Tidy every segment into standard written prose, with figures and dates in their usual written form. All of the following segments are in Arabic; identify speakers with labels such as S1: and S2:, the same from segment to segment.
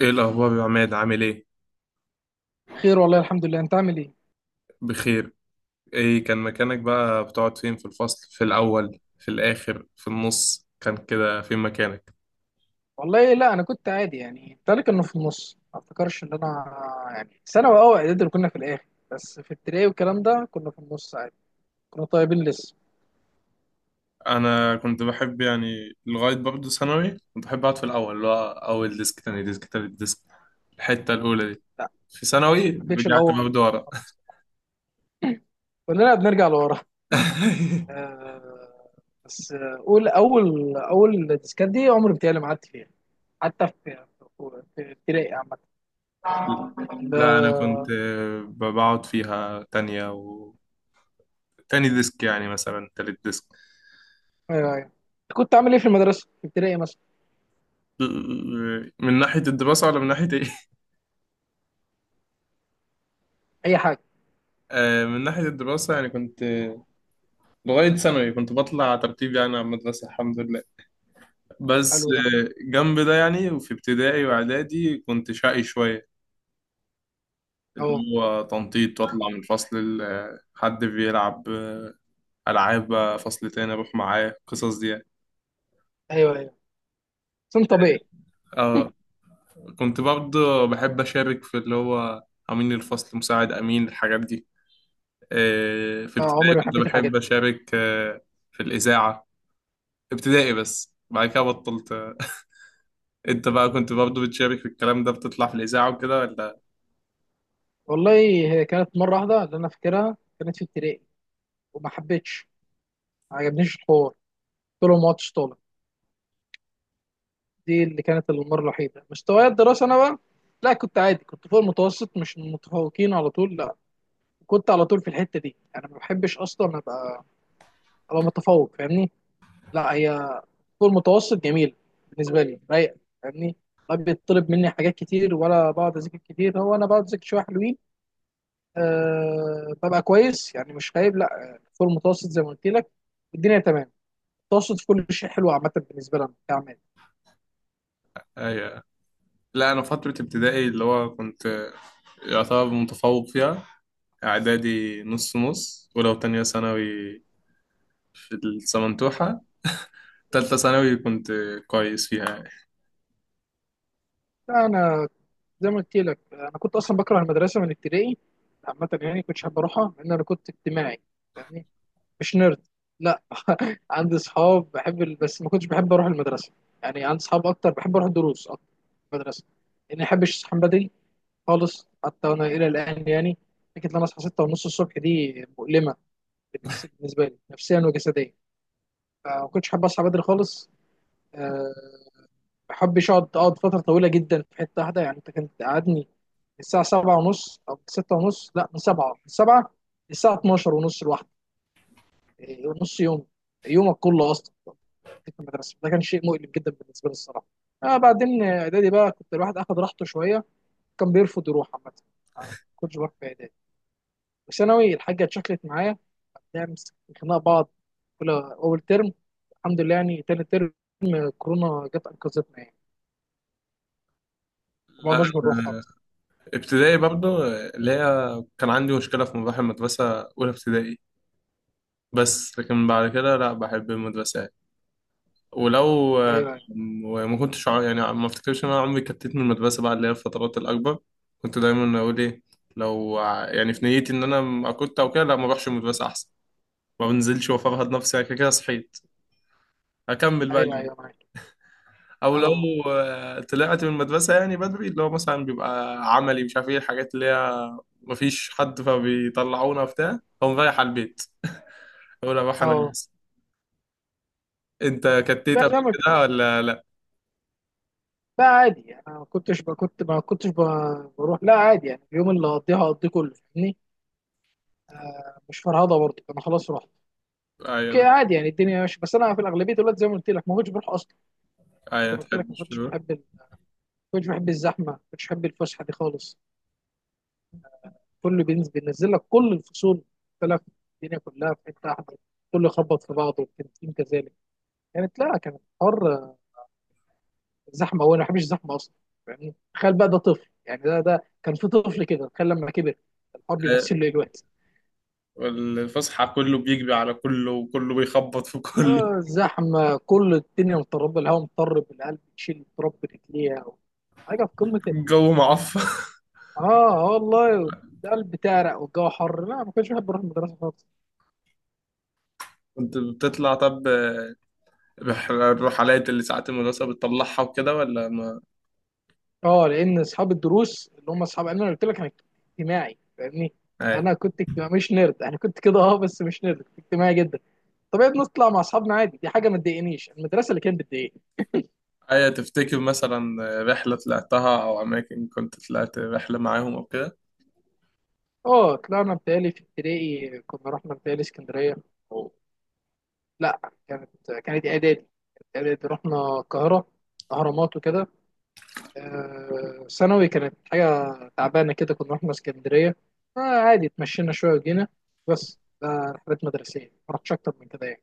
S1: ايه الاخبار يا عماد؟ عامل ايه؟
S2: خير والله، الحمد لله. انت عامل ايه؟
S1: بخير. ايه كان مكانك بقى؟ بتقعد فين في الفصل، في الاول، في الاخر، في النص؟ كان كده فين مكانك؟
S2: والله لا، انا كنت عادي يعني، ذلك انه في النص. ما افتكرش ان انا يعني ثانوي، اعدادي اللي كنا في الاخر. بس في ابتدائي والكلام ده كنا في النص عادي. كنا طيبين لسه.
S1: انا كنت بحب يعني لغايه برضه ثانوي كنت بحب اقعد في الاول، اللي هو اول ديسك، تاني ديسك، تالت ديسك، الحته الاولى دي.
S2: لا،
S1: في ثانوي
S2: ما حبيتش
S1: رجعت
S2: الاول
S1: برضه ورا.
S2: خالص. كلنا بنرجع لورا. آه، بس اول ديسكات دي عمري بتهيألي ما قعدت فيها، حتى في ابتدائي عامة.
S1: لا انا كنت
S2: ده-
S1: بقعد فيها تانية و تاني ديسك، يعني مثلا تالت ديسك.
S2: ايوه، ايوه. كنت عامل ايه في المدرسة في ابتدائي مثلا؟
S1: من ناحية الدراسة ولا من ناحية إيه؟
S2: اي حاجة.
S1: من ناحية الدراسة يعني كنت لغاية ثانوي كنت بطلع ترتيب يعني على المدرسة، الحمد لله. بس
S2: حلو ده.
S1: جنب ده يعني وفي ابتدائي وإعدادي كنت شقي شوية،
S2: اهو.
S1: اللي هو تنطيط وأطلع من فصل حد بيلعب ألعاب، بقى فصل تاني أروح معاه، القصص دي يعني.
S2: ايوه، ايوه، سن طبيعي.
S1: اه، كنت برضه بحب أشارك في اللي هو أمين الفصل، مساعد أمين، الحاجات دي. في
S2: آه،
S1: ابتدائي
S2: عمري ما
S1: كنت
S2: حبيت الحاجات
S1: بحب
S2: دي.
S1: أشارك في الإذاعة. ابتدائي بس، بعد كده بطلت. انت بقى كنت برضه بتشارك في الكلام ده، بتطلع في الاذاعه وكده ولا؟
S2: والله هي كانت مره واحده اللي انا فاكرها، كانت في ابتدائي، وما حبيتش، ما عجبنيش الحوار، قلت لهم ما عدتش طالب. دي اللي كانت المره الوحيده. مستواي الدراسه انا بقى لا، كنت عادي، كنت فوق المتوسط، مش من المتفوقين على طول. لا، كنت على طول في الحته دي. انا ما بحبش اصلا ابقى متفوق، فاهمني؟ لا، هي فوق المتوسط جميل بالنسبه لي، رايق، فاهمني؟ ما بيطلب مني حاجات كتير ولا بقعد اذاكر كتير، هو انا بقعد اذاكر شويه حلوين. أه، ببقى كويس يعني، مش خايب لا، آه، فوق المتوسط زي ما قلت لك. الدنيا تمام. المتوسط في كل شيء حلو عامه بالنسبه لنا كعمل.
S1: ايوه. لا انا فتره ابتدائي اللي هو كنت يعتبر متفوق فيها، اعدادي نص نص، ولو تانية ثانوي في السمنتوحه، تالتة ثانوي كنت كويس فيها يعني.
S2: لا، انا زي ما قلت لك، انا كنت اصلا بكره المدرسه من ابتدائي عامه، يعني كنتش حابب اروحها، لان انا كنت اجتماعي فاهمني، مش نيرد. لا، عندي اصحاب، بحب بس ما كنتش بحب اروح المدرسه. يعني عندي اصحاب اكتر، بحب اروح الدروس اكتر من المدرسه، لاني ما بحبش اصحى بدري خالص، حتى وانا الى الان يعني. فكره ان انا اصحى 6 ونص الصبح دي مؤلمه بالنسبه لي نفسيا وجسديا. فما كنتش حابب اصحى بدري خالص. أه ما بحبش اقعد فتره طويله جدا في حته واحده. يعني انت كنت قعدني الساعه 7 ونص او 6 ونص، لا، من 7 للساعه 12 ونص لوحدي. إيه، نص يوم، يومك كله اصلا في المدرسه. ده كان شيء مؤلم جدا بالنسبه لي الصراحه. بعدين اعدادي بقى كنت الواحد اخد راحته شويه. كان بيرفض يروح عامه. ما كنتش بروح في اعدادي. وثانوي الحاجه اتشكلت معايا، بنعمل خناقه بعض اولى اول ترم، الحمد لله. يعني تاني ترم كورونا جت انقذتنا يعني، ما
S1: لا
S2: قعدناش بنروح
S1: أنا
S2: خالص.
S1: ابتدائي برضه اللي هي كان عندي مشكله في مراحل المدرسه، اولى ابتدائي، بس لكن بعد كده لا بحب المدرسه. ولو
S2: ايوه، ايوه.
S1: يعني ما افتكرش ان انا عمري كتيت من المدرسه بقى، اللي هي الفترات الاكبر كنت دايما اقول ايه، يعني في نيتي ان انا ما كنت او كده لا ما اروحش المدرسه احسن، ما بنزلش وافرهد نفسي، يعني كده كده صحيت، اكمل بقى
S2: ايوه،
S1: اليوم.
S2: ايوه، معاك.
S1: او لو
S2: اه،
S1: طلعت من المدرسه يعني بدري، اللي هو مثلا بيبقى عملي مش عارف ايه الحاجات اللي هي، ما فيش حد فبيطلعونا وبتاع، فقوم رايح على البيت، اقول اروح انا.
S2: اه.
S1: انت كتيت
S2: لا،
S1: قبل
S2: زي ما
S1: كده ولا لا؟
S2: لا، عادي. انا ما كنتش كنت، ما كنتش بروح، لا، عادي. يعني اليوم اللي هقضيه كله فاهمني. مش فرهضه برضه، انا خلاص رحت. اوكي،
S1: ايوه
S2: عادي، يعني الدنيا ماشيه. بس انا في الاغلبيه دلوقتي زي ما قلت لك ما كنتش بروح اصلا.
S1: ايوه. ما
S2: زي ما قلت لك ما
S1: تحبش
S2: كنتش
S1: تروح؟
S2: بحب ما كنتش بحب الزحمه، ما كنتش بحب الفسحه دي خالص. كله بينزل لك كل الفصول. مختلف. الدنيا كلها في حته واحده، كله يخبط في بعضه، والتنسيق كذلك. كانت، لا، كانت حر، زحمه. هو أنا ما بحبش الزحمه اصلا، يعني تخيل بقى. ده طفل يعني، ده كان في طفل كده، تخيل لما كبر، الحر بيمثل له الوقت.
S1: الفسحة كله بيجري على كله وكله بيخبط في كله.
S2: آه، زحمه، كل الدنيا مضطربه، الهواء مضطرب، القلب يشيل تراب برجليها، حاجه في قمه
S1: الجو معفن.
S2: اه. آه والله، القلب تعرق والجو حر. لا، ما كنتش بحب اروح المدرسه خالص.
S1: كنت بتطلع طب، الرحلات اللي ساعات المدرسة بتطلعها وكده ولا ما؟
S2: اه، لان اصحاب الدروس اللي هم اصحاب، انا قلت لك انا اجتماعي فاهمني.
S1: أيوة.
S2: انا كنت اجتماعي مش نيرد. انا كنت كده بس مش نيرد، كنت اجتماعي جدا. طبيعي بنطلع مع اصحابنا عادي، دي حاجه ما تضايقنيش. المدرسه اللي كانت بتضايقني.
S1: أيوة، تفتكر مثلا رحلة طلعتها أو أماكن كنت طلعت رحلة معاهم أو كده؟
S2: اه، طلعنا بتهيألي في ابتدائي كنا رحنا بتهيألي اسكندريه، أو لا، كانت كانت اعدادي كانت اعدادي رحنا القاهره، اهرامات وكده. آه، ثانوي كانت حاجه تعبانه كده، كنا رحنا اسكندريه. آه، عادي، اتمشينا شويه وجينا. بس ده رحلات مدرسيه، ما رحتش اكتر من كده يعني.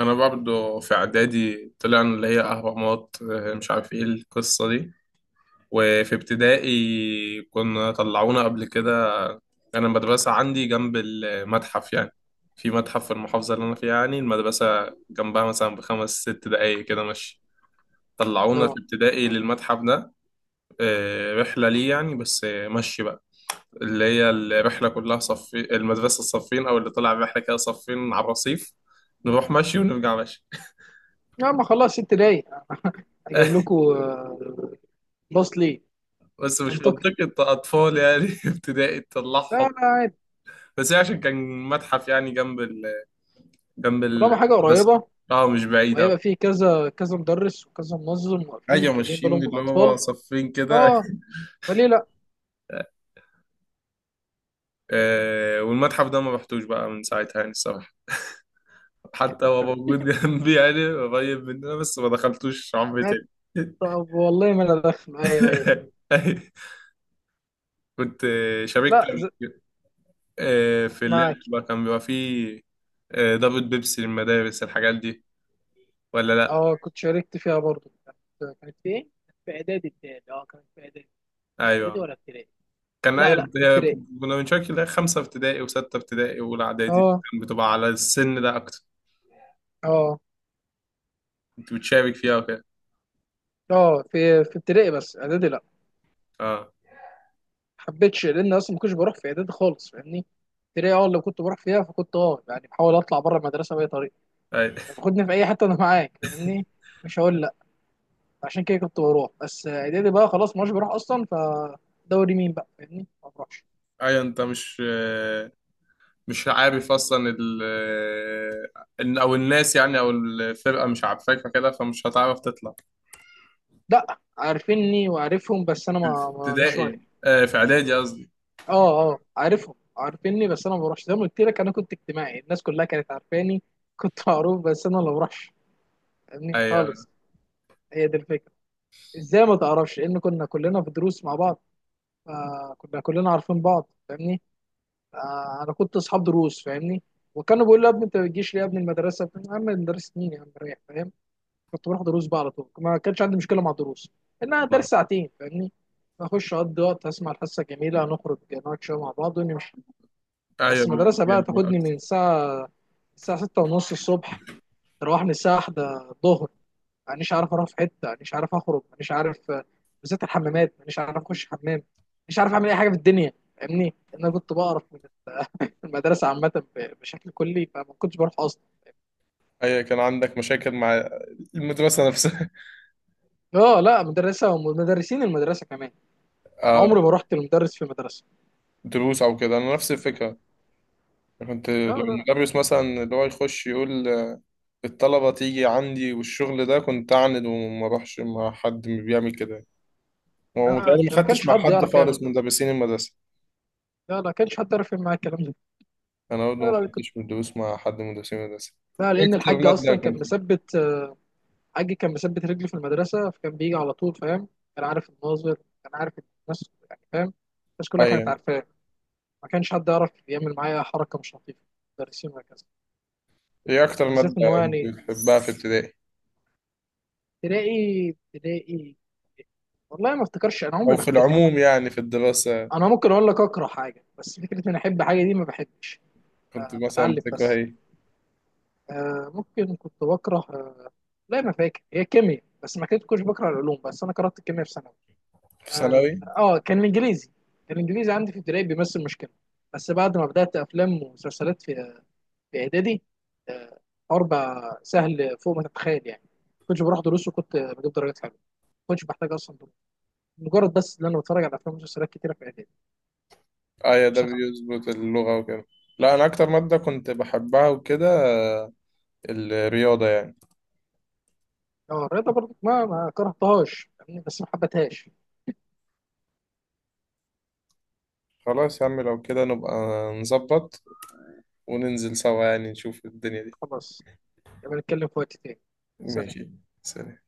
S1: أنا برضه في إعدادي طلعنا اللي هي أهرامات، مش عارف إيه القصة دي. وفي ابتدائي كنا طلعونا قبل كده، انا المدرسه عندي جنب المتحف يعني، في متحف في المحافظه اللي انا فيها، يعني المدرسه جنبها مثلا بخمس ست دقايق كده مشي، طلعونا في
S2: اه،
S1: ابتدائي للمتحف ده. رحله ليه يعني؟ بس مشي بقى، اللي هي الرحله كلها صف المدرسه، الصفين او اللي طلع الرحله كده صفين على الرصيف، نروح مشي ونرجع مشي.
S2: يا ما خلاص، 6 دقايق! اجيب لكم باص ليه؟
S1: بس مش
S2: منطقي.
S1: منطقة أطفال يعني، ابتدائي
S2: لا،
S1: تطلعهم.
S2: لا، عادي.
S1: بس هي عشان كان متحف يعني، جنب ال جنب
S2: طالما
S1: ال
S2: حاجه
S1: بس.
S2: قريبه
S1: اه مش بعيد أوي.
S2: وهيبقى فيه كذا كذا مدرس وكذا منظم واقفين
S1: ايوه،
S2: مخليين بالهم
S1: ماشيين
S2: من
S1: اللي
S2: الاطفال،
S1: هو صفين كده.
S2: اه، فليه لا؟
S1: آه، والمتحف ده ما رحتوش بقى من ساعتها يعني الصراحه، حتى هو موجود جنبي يعني قريب مننا، بس ما دخلتوش عمري
S2: معاك.
S1: تاني.
S2: طب والله ما انا داخل. ايوه، ايوه.
S1: كنت شاركت
S2: لا،
S1: قبل كده، في اللعب
S2: معاك.
S1: بقى كان بيبقى فيه ضربة بيبسي للمدارس، الحاجات دي، ولا لا؟
S2: اه، كنت شاركت فيها برضو. كانت في ايه؟ في اعدادي بتاعي، كانت في اعدادي. في اعدادي
S1: ايوه
S2: ولا ابتدائي؟
S1: كان
S2: لا،
S1: اي.
S2: لا، في ابتدائي.
S1: كنا بنشارك اللي هي خمسه ابتدائي وسته ابتدائي واولى اعدادي،
S2: اه،
S1: كان بتبقى على السن ده اكتر.
S2: اه،
S1: كنت بتشارك فيها وكده؟
S2: اه، في ابتدائي، بس اعدادي لا.
S1: اه.
S2: حبيتش لان اصلا ما كنتش بروح في اعدادي خالص فاهمني. ابتدائي لو كنت بروح فيها فكنت يعني بحاول اطلع بره المدرسه باي طريقه.
S1: أيوة.
S2: تاخدني في اي حته انا معاك فاهمني. مش هقول. عشان كده كنت بروح. بس اعدادي بقى خلاص ما عادش بروح اصلا، فدوري مين بقى فاهمني، ما بروحش.
S1: ايوه، انت مش مش عارف اصلا ال او الناس يعني او الفرقه مش عارفاك، فكده فمش هتعرف تطلع.
S2: لا، عارفيني وعارفهم، بس انا
S1: في
S2: مش
S1: ابتدائي
S2: رايح
S1: في
S2: فاهمني.
S1: اعدادي قصدي.
S2: اه، اه، عارفهم عارفيني، بس انا ما بروحش. زي ما قلت لك انا كنت اجتماعي، الناس كلها كانت عارفاني، كنت معروف، بس انا ما بروحش فاهمني
S1: ايوه
S2: خالص. هي دي الفكره. ازاي ما تعرفش؟ لان كنا كلنا في دروس مع بعض، فكنا كلنا عارفين بعض فاهمني. آه، انا كنت اصحاب دروس فاهمني. وكانوا بيقولوا لي، يا ابني انت ما بتجيش ليه؟ يا ابني المدرسه يا عم، مدرسه مين يا عم، رايح؟ فاهم؟ كنت بروح دروس بقى على طول. ما كانش عندي مشكله مع الدروس، انها درس ساعتين فاهمني. اخش اقضي وقت، اسمع الحصه جميله، نخرج نقعد شويه مع بعض ونمشي. بس
S1: ايوه، بيبقى
S2: المدرسه بقى
S1: فيها بقى
S2: تاخدني
S1: أكتر.
S2: من الساعه 6 ونص الصبح، تروحني الساعه 1 الظهر. مانيش عارف اروح في حته، مانيش عارف اخرج، مانيش عارف، بالذات الحمامات مانيش عارف اخش حمام، مش عارف اعمل اي حاجه في الدنيا فاهمني. لأن انا كنت بقرف من المدرسه عامه، بشكل كلي، فما كنتش بروح اصلا.
S1: ايوه، كان عندك مشاكل مع المدرسه نفسها.
S2: اه، لا، مدرسه ومدرسين المدرسه كمان، يعني
S1: اه،
S2: عمري ما رحت لمدرس في المدرسه.
S1: دروس او كده انا نفس الفكره، كنت
S2: لا،
S1: لو
S2: لا،
S1: المدرس مثلا اللي هو يخش يقول الطلبه تيجي عندي والشغل ده، كنت اعند وما اروحش مع حد بيعمل كده،
S2: لا،
S1: ومتهيألي ما
S2: ما
S1: خدتش
S2: كانش
S1: مع
S2: حد
S1: حد
S2: يعرف يعمل
S1: خالص من
S2: ده.
S1: مدرسين المدرسه.
S2: لا، لا، ما كانش حد يعرف يعمل معايا الكلام ده.
S1: انا برضه
S2: لا،
S1: ما
S2: لا، كنت،
S1: خدتش مدروس مع حد من مدرسين المدرسه.
S2: لا،
S1: إيه
S2: لان
S1: اكتر
S2: الحاج
S1: ماده
S2: اصلا كان
S1: كنت؟
S2: مثبت. حاجي كان مثبت رجلي في المدرسه، فكان بيجي على طول فاهم. كان عارف الناظر، كان عارف الناس يعني فاهم، الناس كلها كانت
S1: ايوه،
S2: عارفاه. ما كانش حد يعرف يعمل معايا حركه مش لطيفه، مدرسين وهكذا.
S1: ايه اكتر ماده
S2: وبالذات ان هو يعني
S1: كنت بتحبها في ابتدائي
S2: تلاقي تلاقي، والله ما افتكرش انا عمري
S1: او
S2: ما
S1: في
S2: حبيت
S1: العموم
S2: ماده.
S1: يعني في الدراسه؟
S2: انا ممكن اقول لك اكره حاجه، بس فكره اني احب حاجه دي ما بحبش.
S1: كنت
S2: أنا
S1: مثلا
S2: بتعلم
S1: بتكره
S2: بس.
S1: ايه؟
S2: آه، ممكن كنت بكره. آه، لا، ما فاكر. هي كيمياء. بس ما كنت كنتش بكره العلوم، بس انا كرهت الكيمياء في ثانوي.
S1: في
S2: اه،
S1: ثانوي.
S2: آه، كان الانجليزي عندي في ابتدائي بيمثل مشكله. بس بعد ما بدات افلام ومسلسلات في اعدادي، آه، اربع سهل فوق ما تتخيل يعني. كنتش بروح دروس وكنت بجيب درجات حلوه. كنتش بحتاج اصلا دروس، مجرد بس ان انا بتفرج على افلام ومسلسلات كتيره في اعدادي
S1: ايوه ده
S2: وثانوي يعني.
S1: بيظبط اللغه وكده. لا انا اكتر ماده كنت بحبها وكده آه، الرياضه يعني.
S2: اه، الرياضه برضه ما كرهتهاش فاهمني؟ بس ما حبتهاش.
S1: خلاص يا عم، لو كده نبقى نظبط وننزل سوا يعني، نشوف الدنيا دي.
S2: خلاص، يبقى نتكلم في وقت تاني. سلام.
S1: ماشي. سلام.